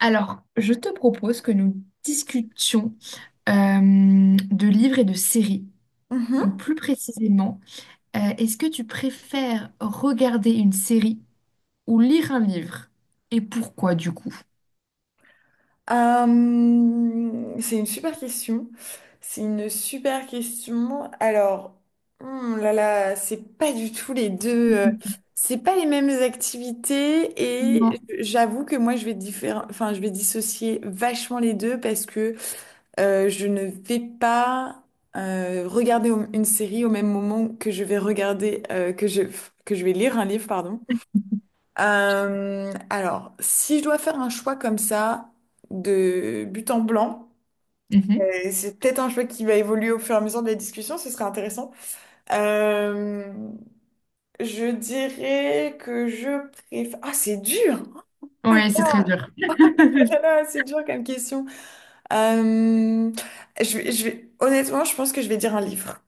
Alors, je te propose que nous discutions euh, de livres et de séries. Donc, Mhm. plus précisément, est-ce que tu préfères regarder une série ou lire un livre? Et pourquoi du coup? C'est une super question. C'est une super question. Alors, là là, c'est pas du tout les deux. Mhm. C'est pas les mêmes activités et Non. j'avoue que moi je vais enfin je vais dissocier vachement les deux parce que je ne vais pas regarder une série au même moment que je vais regarder que je vais lire un livre, pardon. Alors, si je dois faire un choix comme ça, de but en blanc, Mhm. c'est peut-être un choix qui va évoluer au fur et à mesure des discussions, ce serait intéressant. Euh, je dirais que je préfère... Ah, c'est dur! Oh Ouais, c'est très dur. là là, c'est dur comme question. Euh, Honnêtement, je pense que je vais dire un livre.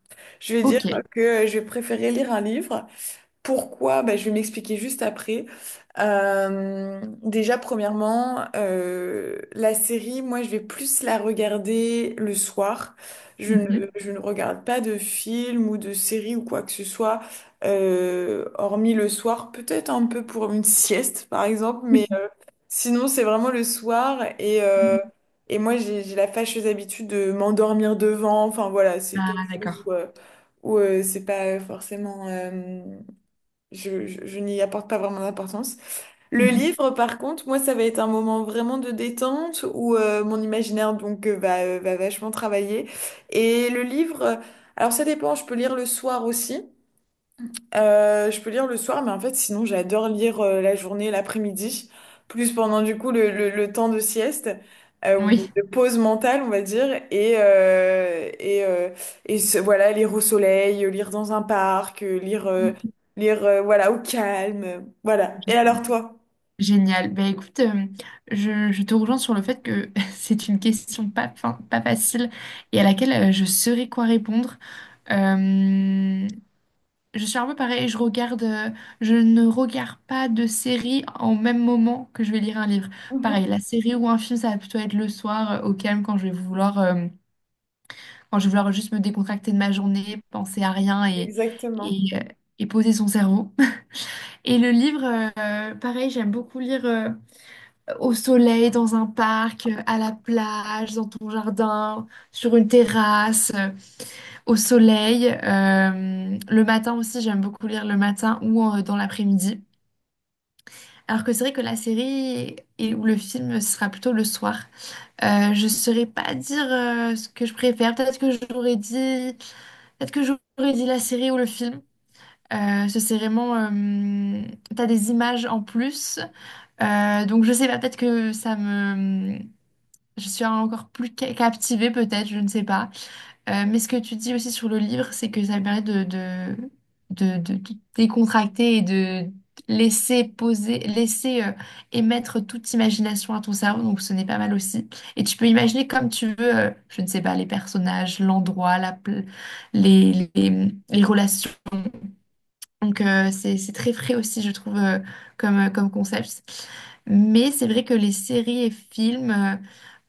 Je vais dire Ok. que je vais préférer lire un livre. Pourquoi? Bah, je vais m'expliquer juste après. Déjà, premièrement, la série, moi, je vais plus la regarder le soir. Je ne, Mhm. je ne regarde pas de film ou de série ou quoi que ce soit, hormis le soir, peut-être un peu pour une sieste, par exemple, mais sinon, c'est vraiment le soir. Et moi, j'ai la fâcheuse habitude de m'endormir devant. Enfin, voilà, c'est quelque Ah, chose où, d'accord. euh, où, euh, c'est pas forcément... je n'y apporte pas vraiment d'importance. Le Mhm. livre, par contre, moi, ça va être un moment vraiment de détente où mon imaginaire donc va, va vachement travailler. Et le livre, alors ça dépend, je peux lire le soir aussi. Je peux lire le soir, mais en fait, sinon, j'adore lire la journée, l'après-midi, plus pendant du coup le temps de sieste ou Oui. de pause mentale, on va dire, et voilà, lire au soleil, lire dans un parc, lire voilà au calme, voilà. Je Et alors sais. toi? Génial. Bah écoute, je te rejoins sur le fait que c'est une question pas, pas facile et à laquelle je saurais quoi répondre. Euh, je suis un peu pareil, je regarde, je ne regarde pas de série en même moment que je vais lire un livre. Pareil, Mhm. la série ou un film, ça va plutôt être le soir, au calme, quand je vais vouloir juste me décontracter de ma journée, penser à rien Exactement. et, euh, et poser son cerveau. Et le livre, pareil, j'aime beaucoup lire, au soleil, dans un parc, à la plage, dans ton jardin, sur une terrasse, au soleil. Le matin aussi, j'aime beaucoup lire le matin ou dans l'après-midi. Alors que c'est vrai que la série ou le film, ce sera plutôt le soir. Je ne saurais pas dire ce que je préfère. Peut-être que j'aurais dit la série ou le film. Euh, ce serait vraiment, euh, T'as des images en plus. Donc je sais pas, peut-être que ça me, je suis encore plus captivée peut-être, je ne sais pas. Mais ce que tu dis aussi sur le livre, c'est que ça permet de décontracter et de laisser poser, laisser émettre toute imagination à ton cerveau, donc ce n'est pas mal aussi. Et tu peux imaginer comme tu veux, je ne sais pas, les personnages, l'endroit, les relations. Donc c'est très frais aussi, je trouve, comme concept. Mais c'est vrai que les séries et films... euh,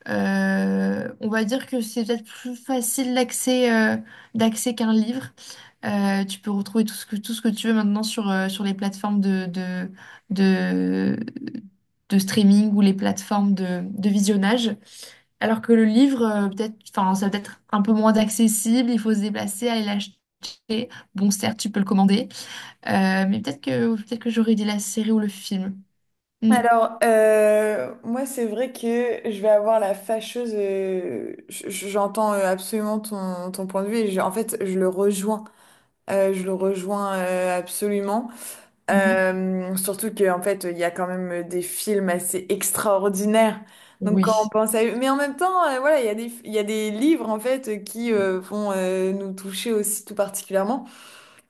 euh, On va dire que c'est peut-être plus facile d'accès qu'un livre. Tu peux retrouver tout ce que tu veux maintenant sur les plateformes de, de streaming ou les plateformes de visionnage. Alors que le livre, peut-être, enfin, ça peut être un peu moins accessible, il faut se déplacer, aller l'acheter. Bon, certes, tu peux le commander, mais peut-être que j'aurais dit la série ou le film. Mm. Alors, moi, c'est vrai que je vais avoir la fâcheuse. J'entends absolument ton, ton point de vue et en fait, je le rejoins. Je le rejoins absolument. Mhm. Surtout qu'en fait, il y a quand même des films assez extraordinaires. Donc quand on Oui. pense à eux, mais en même temps, voilà, il y a des, il y a des livres en fait qui vont nous toucher aussi tout particulièrement.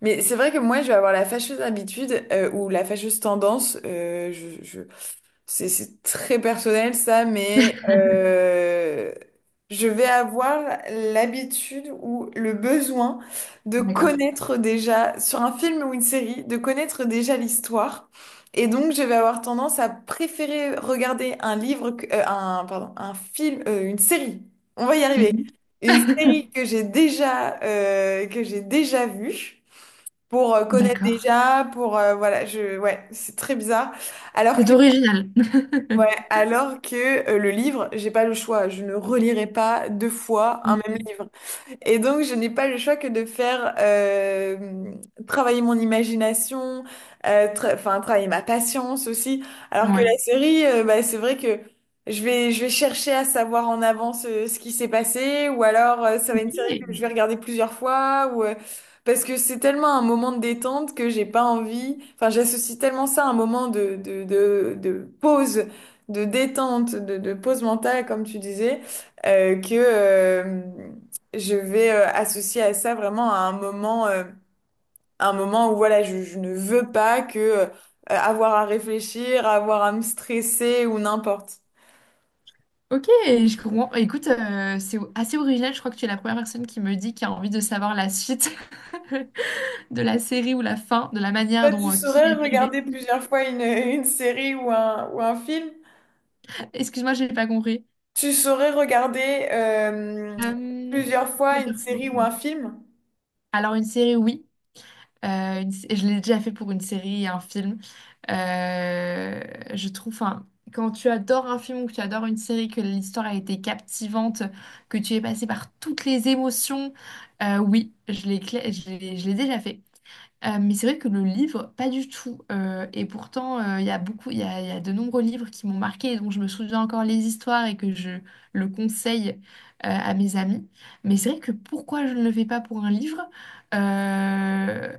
Mais c'est vrai que moi, je vais avoir la fâcheuse habitude ou la fâcheuse tendance, je c'est très personnel ça, mais je vais avoir l'habitude ou le besoin de D'accord. connaître déjà, sur un film ou une série, de connaître déjà l'histoire. Et donc, je vais avoir tendance à préférer regarder un livre, un, pardon, un film, une série. On va y arriver. Mhm. Une série que j'ai déjà vue pour connaître D'accord. déjà, pour, voilà, je, ouais, c'est très bizarre. Alors C'est que original. ouais, alors que le livre, j'ai pas le choix, je ne relirai pas deux fois un même Mhm. livre. Et donc, je n'ai pas le choix que de faire travailler mon imagination, enfin, travailler ma patience aussi. Alors que Ouais. la série, bah, c'est vrai que je vais chercher à savoir en avance ce qui s'est passé, ou alors ça va être une série que je Ok. vais regarder plusieurs fois, parce que c'est tellement un moment de détente que j'ai pas envie. Enfin, j'associe tellement ça à un moment de pause, de détente, de pause mentale, comme tu disais, que. Je vais associer à ça vraiment à un moment où voilà, je ne veux pas que avoir à réfléchir, avoir à me stresser ou n'importe. Ok, je comprends. Écoute, c'est assez original. Je crois que tu es la première personne qui me dit qui a envie de savoir la suite de la série ou la fin, de la manière Toi, tu dont qui saurais est tué. regarder plusieurs fois une, une série ou un film? Excuse-moi, j'ai pas compris. Tu saurais regarder Euh, plusieurs fois une plusieurs fois. série ou un film? Alors, une série, oui. Je l'ai déjà fait pour une série et un film. Euh, je trouve, enfin, quand tu adores un film ou que tu adores une série, que l'histoire a été captivante, que tu es passé par toutes les émotions, oui, je l'ai, cla- je l'ai déjà fait. Mais c'est vrai que le livre, pas du tout. Et pourtant, il y a de nombreux livres qui m'ont marqué et dont je me souviens encore les histoires et que je le conseille à mes amis. Mais c'est vrai que pourquoi je ne le fais pas pour un livre? Euh,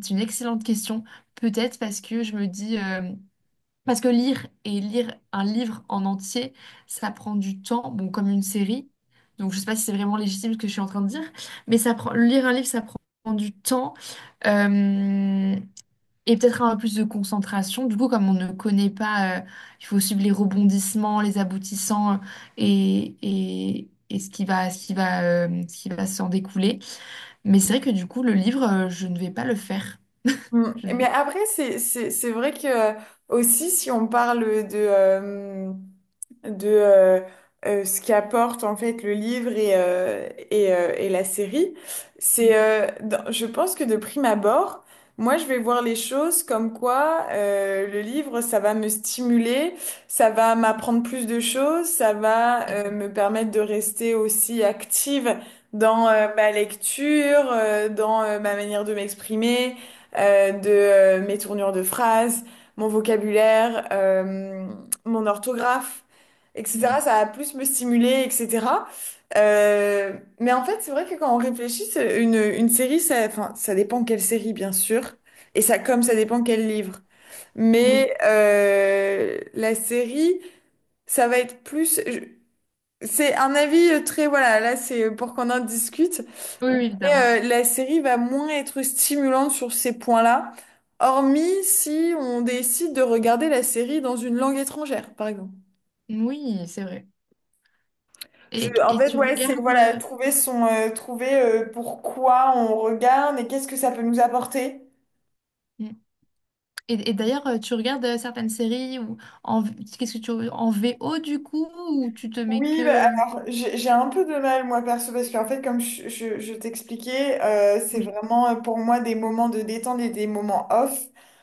c'est une excellente question. Peut-être parce que je me dis, parce que lire et lire un livre en entier, ça prend du temps, bon, comme une série. Donc, je sais pas si c'est vraiment légitime ce que je suis en train de dire, mais ça prend, lire un livre, ça prend du temps euh, et peut-être un peu plus de concentration. Du coup, comme on ne connaît pas, il faut suivre les rebondissements, les aboutissants, et ce qui va s'en découler. Mais c'est vrai que du coup, le livre, je ne vais pas le faire. Mm. Mais après, c'est vrai que aussi, si on parle de, euh, de ce qu'apporte en fait le livre et la série, Mm. c'est, je pense que de prime abord, moi, je vais voir les choses comme quoi le livre, ça va me stimuler, ça va m'apprendre plus de choses, ça va me permettre de rester aussi active dans ma lecture, dans ma manière de m'exprimer de mes tournures de phrases, mon vocabulaire, mon orthographe, etc. Mm. Ça va plus me stimuler, etc. Euh, mais en fait, c'est vrai que quand on réfléchit, c'est une série, ça, enfin, ça dépend quelle série, bien sûr, et ça, comme ça dépend quel livre. Oui, Mais la série, ça va être plus. C'est un avis très, voilà, là c'est pour qu'on en discute, oui, mais oui, évidemment. La série va moins être stimulante sur ces points-là, hormis si on décide de regarder la série dans une langue étrangère, par exemple. Oui, c'est vrai. Je, en Et fait, tu ouais, c'est regardes. voilà, trouver son, trouver pourquoi on regarde et qu'est-ce que ça peut nous apporter. Mm. Et d'ailleurs, tu regardes certaines séries ou en qu'est-ce que tu en VO du coup ou tu te mets Oui, que. bah, alors j'ai un peu de mal moi perso parce qu'en fait comme je t'expliquais, c'est Oui. vraiment pour moi des moments de détente et des moments off.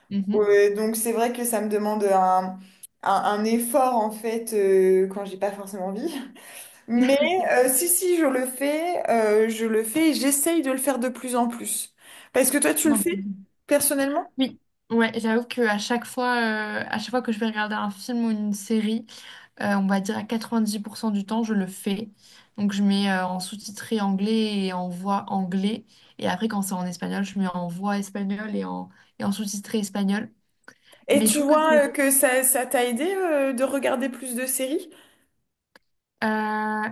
Mhm. Ouais, donc c'est vrai que ça me demande un effort en fait quand j'ai pas forcément envie. Mais si je le fais, je le fais et j'essaye de le faire de plus en plus. Parce que toi tu le Non, mais c'est fais bien. personnellement Oui, ouais, j'avoue que à chaque fois que je vais regarder un film ou une série, on va dire à 90% du temps, je le fais. Donc, je mets en sous-titré anglais et en voix anglais. Et après, quand c'est en espagnol, je mets en voix espagnole et en sous-titré espagnol. et Mais je tu trouve vois que ça t'a aidé de regarder plus de séries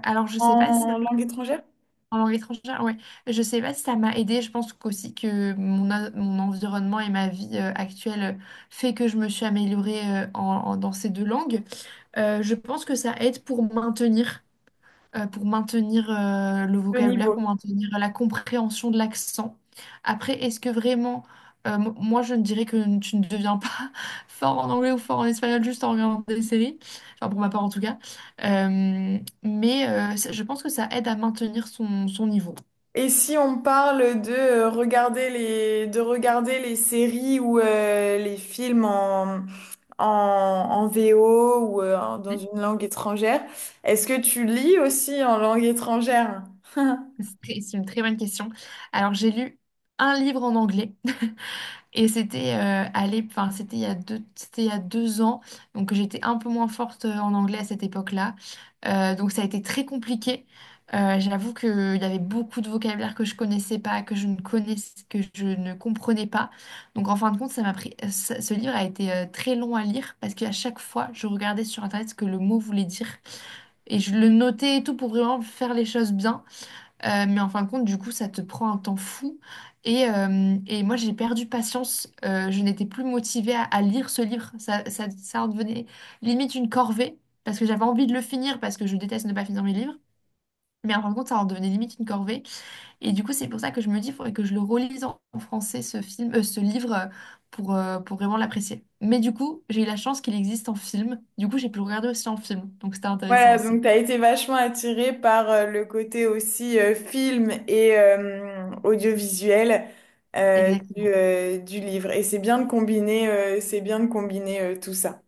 alors, je sais pas si. en langue étrangère, En langue étrangère, ouais. Je sais pas si ça m'a aidé. Je pense qu'aussi que mon environnement et ma vie actuelle fait que je me suis améliorée, dans ces deux langues. Je pense que ça aide pour maintenir le le vocabulaire, pour niveau. maintenir la compréhension de l'accent. Après, est-ce que vraiment, moi je ne dirais que tu ne deviens pas fort en anglais ou fort en espagnol juste en regardant des séries, enfin pour ma part en tout cas. Je pense que ça aide à maintenir son niveau. Et si on parle de regarder les de regarder les séries ou les films en en VO ou dans Hmm. une langue étrangère. Est-ce que tu lis aussi en langue étrangère? C'est une très bonne question. Alors j'ai lu un livre en anglais. Et c'était enfin, c'était il y a 2 ans, donc j'étais un peu moins forte en anglais à cette époque-là. Donc ça a été très compliqué. J'avoue qu'il y avait beaucoup de vocabulaire que je connaissais pas, que je ne connaissais, que je ne comprenais pas. Donc en fin de compte, ça m'a pris, ça- ce livre a été très long à lire parce qu'à chaque fois, je regardais sur Internet ce que le mot voulait dire et je le notais et tout pour vraiment faire les choses bien. Mais en fin de compte, du coup, ça te prend un temps fou. Et moi, j'ai perdu patience. Je n'étais plus motivée à lire ce livre. Ça en devenait limite une corvée, parce que j'avais envie de le finir, parce que je déteste ne pas finir mes livres. Mais en fin de compte, ça en devenait limite une corvée. Et du coup, c'est pour ça que je me dis, il faudrait que je le relise en français, ce livre, pour vraiment l'apprécier. Mais du coup, j'ai eu la chance qu'il existe en film. Du coup, j'ai pu le regarder aussi en film. Donc, c'était intéressant Voilà, donc aussi. tu as été vachement attirée par le côté aussi film et audiovisuel Exactement. Du livre. Et c'est bien de combiner, c'est bien de combiner tout ça.